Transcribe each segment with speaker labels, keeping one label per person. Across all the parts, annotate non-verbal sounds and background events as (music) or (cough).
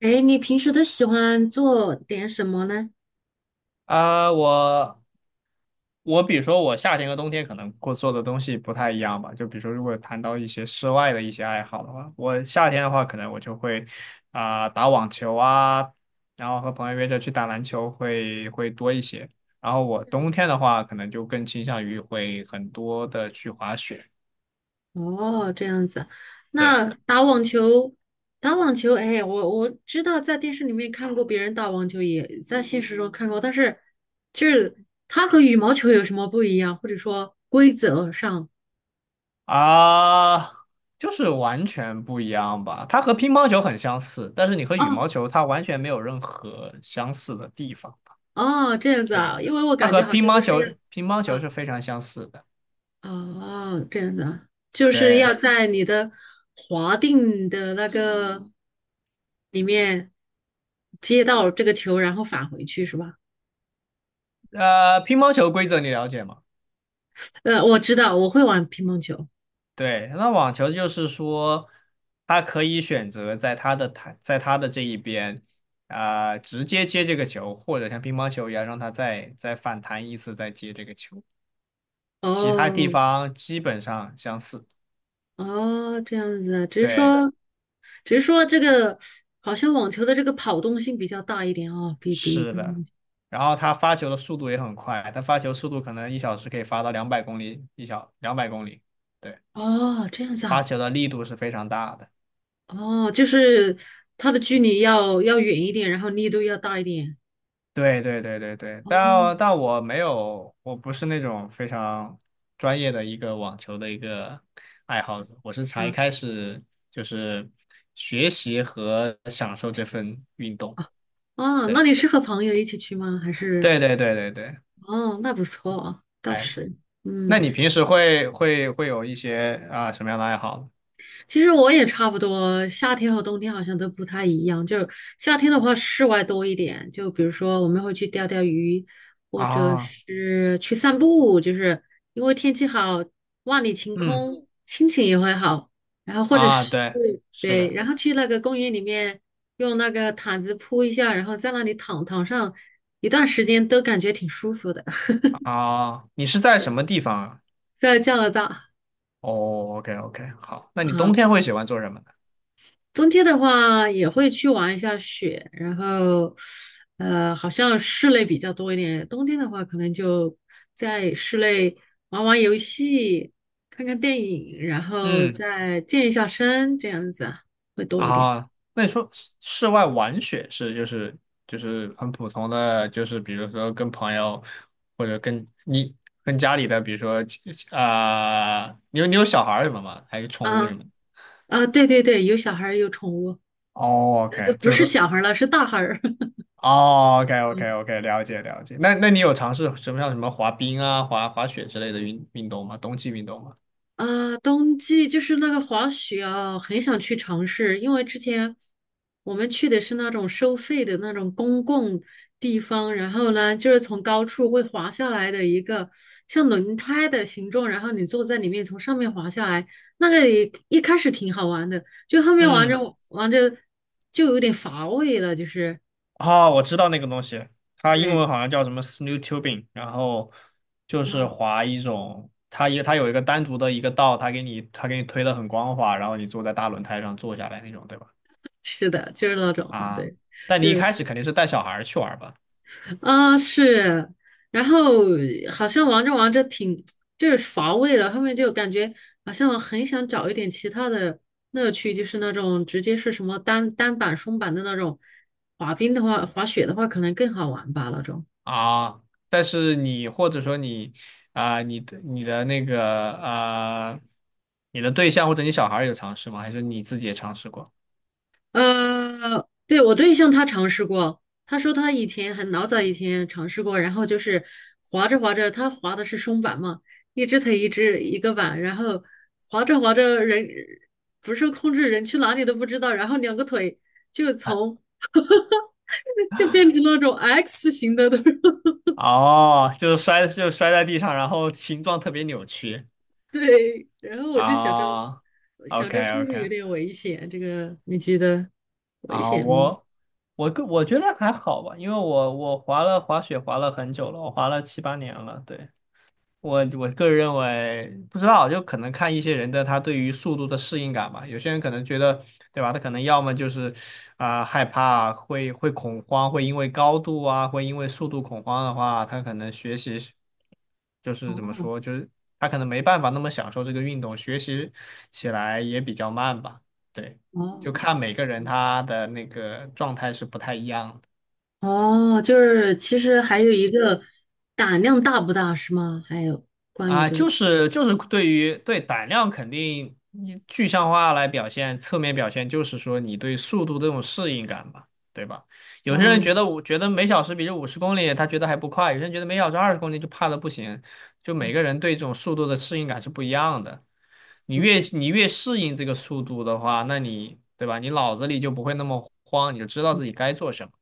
Speaker 1: 哎，你平时都喜欢做点什么呢？
Speaker 2: 啊、我我比如说我夏天和冬天可能过做的东西不太一样吧，就比如说如果谈到一些室外的一些爱好的话，我夏天的话可能我就会打网球啊，然后和朋友约着去打篮球会多一些。然后我
Speaker 1: 嗯。
Speaker 2: 冬天的话可能就更倾向于会很多的去滑雪。
Speaker 1: 哦，这样子。
Speaker 2: 对。
Speaker 1: 那打网球，打网球，哎，我知道在电视里面看过别人打网球，也在现实中看过，但是就是它和羽毛球有什么不一样，或者说规则上？
Speaker 2: 啊、就是完全不一样吧。它和乒乓球很相似，但是你和羽
Speaker 1: 哦。
Speaker 2: 毛球它完全没有任何相似的地方。
Speaker 1: 哦，这样子
Speaker 2: 对，
Speaker 1: 啊，因为我
Speaker 2: 它
Speaker 1: 感
Speaker 2: 和
Speaker 1: 觉好
Speaker 2: 乒
Speaker 1: 像都
Speaker 2: 乓
Speaker 1: 是要，
Speaker 2: 球乒乓球
Speaker 1: 啊。
Speaker 2: 是非常相似的。
Speaker 1: 哦，这样子啊，就是
Speaker 2: 对。
Speaker 1: 要在你的划定的那个里面接到这个球，然后返回去是吧？
Speaker 2: 乒乓球规则你了解吗？
Speaker 1: 我知道，我会玩乒乓球。
Speaker 2: 对。那网球就是说，他可以选择在他的台，在他的这一边，直接接这个球，或者像乒乓球一样，让他再反弹一次，再接这个球。其他地
Speaker 1: 哦。
Speaker 2: 方基本上相似。
Speaker 1: 哦，这样子啊，只是
Speaker 2: 对。
Speaker 1: 说，只是说这个好像网球的这个跑动性比较大一点哦，比比
Speaker 2: 是
Speaker 1: 乒
Speaker 2: 的。
Speaker 1: 乓球。
Speaker 2: 然后他发球的速度也很快，他发球速度可能1小时可以发到两百公里两百公里。对。
Speaker 1: 哦，这样子
Speaker 2: 发
Speaker 1: 啊。
Speaker 2: 球的力度是非常大的。
Speaker 1: 哦，就是它的距离要要远一点，然后力度要大一点。
Speaker 2: 对对对对对。
Speaker 1: 哦。
Speaker 2: 但我没有，我不是那种非常专业的一个网球的一个爱好者，我是才
Speaker 1: 嗯。
Speaker 2: 开始就是学习和享受这份运动。
Speaker 1: 啊，那
Speaker 2: 对
Speaker 1: 你是和朋友一起去吗？还是
Speaker 2: 对对对对对。
Speaker 1: 哦，那不错，啊，倒
Speaker 2: 哎，
Speaker 1: 是。
Speaker 2: 那
Speaker 1: 嗯。
Speaker 2: 你平时会有一些啊什么样的爱好呢？
Speaker 1: 其实我也差不多，夏天和冬天好像都不太一样。就是夏天的话，室外多一点，就比如说我们会去钓钓鱼，或者
Speaker 2: 啊。
Speaker 1: 是去散步，就是因为天气好，万里晴
Speaker 2: 嗯。
Speaker 1: 空，心情也会好。然后或者
Speaker 2: 啊。
Speaker 1: 是
Speaker 2: 对。是
Speaker 1: 对，
Speaker 2: 的。
Speaker 1: 然后去那个公园里面，用那个毯子铺一下，然后在那里躺躺上一段时间，都感觉挺舒服的。
Speaker 2: 啊，你是在什么地方啊？
Speaker 1: 在加拿大。
Speaker 2: 哦，OK OK，好，那你
Speaker 1: 啊，
Speaker 2: 冬天会喜欢做什么呢？
Speaker 1: 冬天的话也会去玩一下雪，然后，好像室内比较多一点。冬天的话，可能就在室内玩玩游戏，看看电影，然后
Speaker 2: 嗯。
Speaker 1: 再健一下身，这样子会多一点。
Speaker 2: 啊，那你说室外玩雪是就是很普通的，就是比如说跟朋友或者跟家里的，比如说你有小孩儿什么吗？还是宠物什
Speaker 1: 啊。
Speaker 2: 么的？
Speaker 1: 啊，对对对，有小孩儿有宠物。
Speaker 2: 哦
Speaker 1: 就
Speaker 2: ，OK，
Speaker 1: 不
Speaker 2: 就
Speaker 1: 是
Speaker 2: 是。
Speaker 1: 小孩儿了，是大孩儿。
Speaker 2: 哦，OK，OK，OK，了解了解。那你有尝试什么像什么滑冰啊、滑雪之类的运动吗？冬季运动吗？
Speaker 1: 啊，冬季就是那个滑雪啊，很想去尝试，因为之前我们去的是那种收费的那种公共地方，然后呢，就是从高处会滑下来的一个像轮胎的形状，然后你坐在里面从上面滑下来，那个也一开始挺好玩的，就后面玩着
Speaker 2: 嗯。
Speaker 1: 玩着就有点乏味了，就是
Speaker 2: 哦，我知道那个东西，它英
Speaker 1: 对
Speaker 2: 文好像叫什么 snow tubing,然后就是
Speaker 1: 啊，
Speaker 2: 滑一种，它有一个单独的一个道，它给你推的很光滑，然后你坐在大轮胎上坐下来那种，对吧？
Speaker 1: 是的，就是那种
Speaker 2: 啊，
Speaker 1: 对。
Speaker 2: 但
Speaker 1: 就
Speaker 2: 你一
Speaker 1: 是。
Speaker 2: 开始肯定是带小孩儿去玩儿吧？
Speaker 1: 啊，是，然后好像玩着玩着挺就是乏味了，后面就感觉好像很想找一点其他的乐趣，就是那种直接是什么单板、双板的那种，滑冰的话，滑雪的话可能更好玩吧那种。
Speaker 2: 啊，但是你或者说你你的那个你的对象或者你小孩儿有尝试吗？还是你自己也尝试过？
Speaker 1: 对，我对象他尝试过，他说他以前很老早以前尝试过，然后就是滑着滑着，他滑的是双板嘛，一只腿一只一个板，然后滑着滑着人不受控制，人去哪里都不知道，然后两个腿就从 (laughs) 就变成那种 X 型的那种 (laughs)
Speaker 2: 哦，就是摔在地上，然后形状特别扭曲。
Speaker 1: 对，然后我就想着
Speaker 2: 啊
Speaker 1: 想
Speaker 2: ，OK
Speaker 1: 着是不是有
Speaker 2: OK。
Speaker 1: 点危险，这个你觉得危
Speaker 2: 啊，
Speaker 1: 险吗？
Speaker 2: 我觉得还好吧，因为我滑雪滑了很久了，我滑了七八年了，对。我个人认为，不知道，就可能看一些人的他对于速度的适应感吧。有些人可能觉得，对吧？他可能要么就是害怕，会恐慌，会因为高度啊，会因为速度恐慌的话，他可能学习是就是怎么
Speaker 1: 哦。
Speaker 2: 说，就是他可能没办法那么享受这个运动，学习起来也比较慢吧。对，
Speaker 1: 哦。
Speaker 2: 就看每个人他的那个状态是不太一样的。
Speaker 1: 哦，就是其实还有一个胆量大不大是吗？还有关于
Speaker 2: 啊，
Speaker 1: 这个，
Speaker 2: 就是对于胆量肯定你具象化来表现，侧面表现就是说你对速度这种适应感吧，对吧？有些人
Speaker 1: 哦。
Speaker 2: 觉得我觉得每小时比这50公里他觉得还不快，有些人觉得每小时20公里就怕的不行，就
Speaker 1: 嗯。
Speaker 2: 每个人对这种速度的适应感是不一样的。你
Speaker 1: 嗯。
Speaker 2: 越你越适应这个速度的话，那你对吧？你脑子里就不会那么慌，你就知道自己该做什么。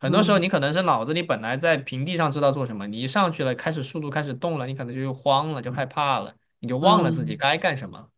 Speaker 2: 很多时候
Speaker 1: 嗯。
Speaker 2: 你可能是脑子里本来在平地上知道做什么，你一上去了，开始速度开始动了，你可能就慌了，就害怕了，你就忘了自
Speaker 1: 嗯。
Speaker 2: 己该干什么了。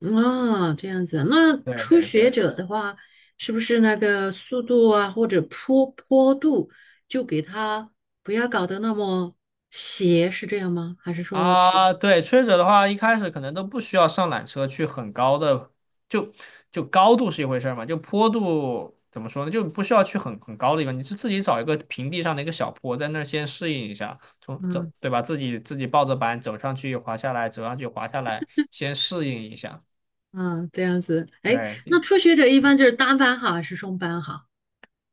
Speaker 1: 嗯。哦，这样子。那
Speaker 2: 对
Speaker 1: 初
Speaker 2: 对
Speaker 1: 学
Speaker 2: 对。
Speaker 1: 者的话，是不是那个速度啊，或者坡坡度，就给他不要搞得那么斜，是这样吗？还是说其，
Speaker 2: 啊，对，吹者的话，一开始可能都不需要上缆车去很高的，就就高度是一回事儿嘛，就坡度怎么说呢，就不需要去很高的地方，你是自己找一个平地上的一个小坡，在那儿先适应一下，从走，
Speaker 1: 嗯。
Speaker 2: 对吧？自己抱着板走上去，滑下来，走上去，滑下来，先适应一下。
Speaker 1: 嗯。这样子？哎，那
Speaker 2: 对。
Speaker 1: 初学者一般就是单班好还是双班好？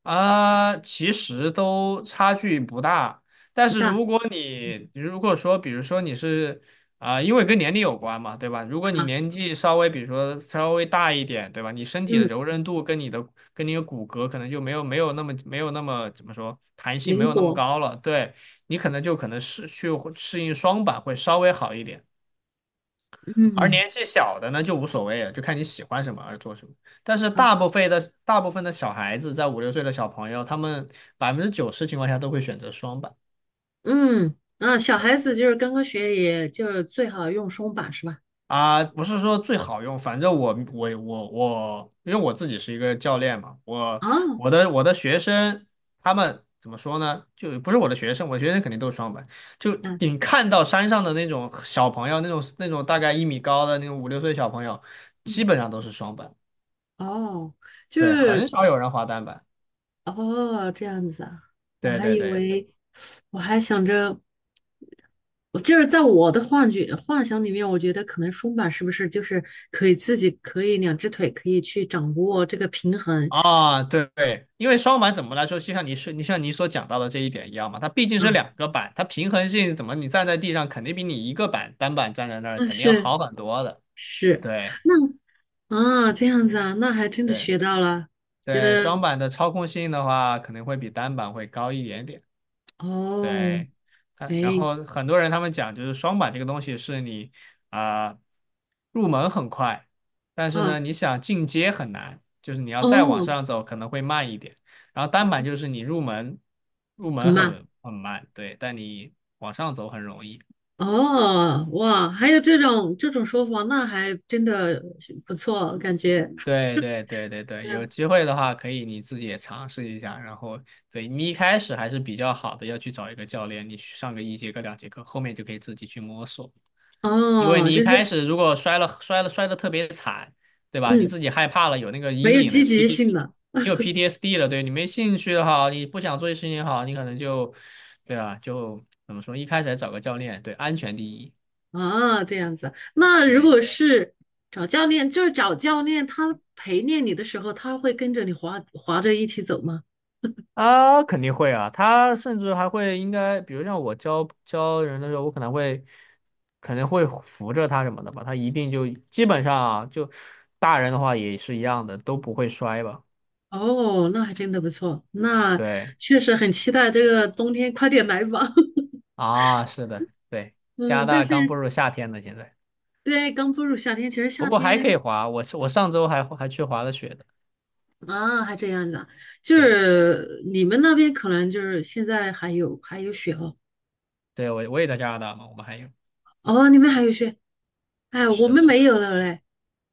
Speaker 2: 啊，其实都差距不大，但
Speaker 1: 不
Speaker 2: 是
Speaker 1: 大。
Speaker 2: 如果说，比如说因为跟年龄有关嘛，对吧？如果你
Speaker 1: 啊。
Speaker 2: 年纪稍微，比如说稍微大一点，对吧？你身体的
Speaker 1: 嗯。
Speaker 2: 柔韧度跟你的骨骼可能就没有那么怎么说弹性没
Speaker 1: 灵
Speaker 2: 有那么
Speaker 1: 活。
Speaker 2: 高了，对。你可能适应双板会稍微好一点。而
Speaker 1: 嗯。
Speaker 2: 年纪小的呢就无所谓了，就看你喜欢什么而做什么。但是
Speaker 1: 啊。
Speaker 2: 大部分的小孩子，在五六岁的小朋友，他们90%情况下都会选择双板。
Speaker 1: 嗯，啊，小
Speaker 2: 对。
Speaker 1: 孩子就是刚刚学，也就是最好用松绑是吧？
Speaker 2: 啊，不是说最好用，反正我，因为我自己是一个教练嘛，我
Speaker 1: 哦。
Speaker 2: 我的我的学生他们怎么说呢？就不是我的学生，我的学生肯定都是双板。就
Speaker 1: 嗯。
Speaker 2: 你看到山上的那种小朋友，那种大概1米高的那种五六岁小朋友，
Speaker 1: 嗯。
Speaker 2: 基本上都是双板。
Speaker 1: 哦，就
Speaker 2: 对，很
Speaker 1: 是
Speaker 2: 少有人滑单板。
Speaker 1: 哦这样子啊，我
Speaker 2: 对
Speaker 1: 还
Speaker 2: 对
Speaker 1: 以
Speaker 2: 对。
Speaker 1: 为，我还想着，我就是在我的幻觉幻想里面，我觉得可能松绑是不是就是可以自己可以两只腿可以去掌握这个平衡
Speaker 2: 啊，对对。因为双板怎么来说，就像你像你所讲到的这一点一样嘛，它毕竟
Speaker 1: 啊？
Speaker 2: 是两个板，它平衡性怎么你站在地上肯定比你一个板单板站在那儿
Speaker 1: 啊
Speaker 2: 肯定要
Speaker 1: 是
Speaker 2: 好很多的。
Speaker 1: 是，
Speaker 2: 对
Speaker 1: 那啊这样子啊，那还真的
Speaker 2: 对
Speaker 1: 学到了，觉
Speaker 2: 对。双
Speaker 1: 得
Speaker 2: 板的操控性的话，可能会比单板会高一点点。
Speaker 1: 哦。
Speaker 2: 对，他，然
Speaker 1: 哎。
Speaker 2: 后很多人他们讲，就是双板这个东西是你啊、入门很快，但是呢，
Speaker 1: 啊。
Speaker 2: 你想进阶很难，就是你要再往
Speaker 1: 哦。
Speaker 2: 上走可能会慢一点。然后单板就是你入门入
Speaker 1: 很
Speaker 2: 门
Speaker 1: 慢
Speaker 2: 很慢，对，但你往上走很容易。
Speaker 1: 哦，哇，还有这种这种说法，那还真的是不错，感觉。
Speaker 2: 对对对对对。有
Speaker 1: 嗯。
Speaker 2: 机会的话可以你自己也尝试一下，然后对你一开始还是比较好的，要去找一个教练，你去上个一节课两节课，后面就可以自己去摸索。因为
Speaker 1: 哦，
Speaker 2: 你一
Speaker 1: 就
Speaker 2: 开
Speaker 1: 是
Speaker 2: 始如果摔了摔的特别惨，对吧？你
Speaker 1: 嗯，
Speaker 2: 自己害怕了，有那个
Speaker 1: 没
Speaker 2: 阴
Speaker 1: 有
Speaker 2: 影了，
Speaker 1: 积
Speaker 2: 有
Speaker 1: 极
Speaker 2: PT,
Speaker 1: 性了
Speaker 2: 你有 PTSD 了，对，你没兴趣的好，你不想做这事情也好，你可能就，对吧？就怎么说，一开始还找个教练，对，安全第一，
Speaker 1: 啊，这样子。那如
Speaker 2: 对。
Speaker 1: 果是找教练，就是找教练，他陪练你的时候，他会跟着你滑滑着一起走吗？
Speaker 2: 啊，肯定会啊，他甚至还会应该，比如像我教人的时候，我可能会扶着他什么的吧，他一定就基本上啊，就大人的话也是一样的，都不会摔吧，
Speaker 1: 哦，那还真的不错，那
Speaker 2: 对。
Speaker 1: 确实很期待这个冬天快点来吧。(laughs)
Speaker 2: 啊，是的，对，加拿
Speaker 1: 嗯，但
Speaker 2: 大刚步
Speaker 1: 是
Speaker 2: 入夏天呢，现在，
Speaker 1: 对，刚步入夏天，其实
Speaker 2: 不
Speaker 1: 夏
Speaker 2: 过还可以
Speaker 1: 天
Speaker 2: 滑，我上周还去滑了雪的，
Speaker 1: 啊，还这样子啊，就
Speaker 2: 对。
Speaker 1: 是你们那边可能就是现在还有还有雪哦。
Speaker 2: 对，我也在加拿大嘛，我们还有，
Speaker 1: 哦，你们还有雪。哎，我
Speaker 2: 是
Speaker 1: 们
Speaker 2: 的。
Speaker 1: 没有了嘞。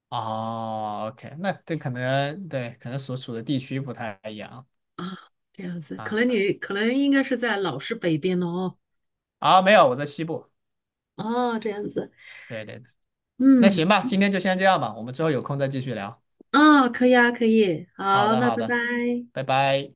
Speaker 2: 哦，OK,那这可能对，可能所处的地区不太一样。
Speaker 1: 啊，这样子，可
Speaker 2: 啊，
Speaker 1: 能你可能应该是在老师北边了哦。
Speaker 2: 啊，没有，我在西部。
Speaker 1: 哦，这样子。
Speaker 2: 对对对。那
Speaker 1: 嗯。
Speaker 2: 行吧，今天就先这样吧，我们之后有空再继续聊，
Speaker 1: 啊，可以啊，可以，
Speaker 2: 好
Speaker 1: 好，
Speaker 2: 的
Speaker 1: 那
Speaker 2: 好
Speaker 1: 拜
Speaker 2: 的，
Speaker 1: 拜。
Speaker 2: 拜拜。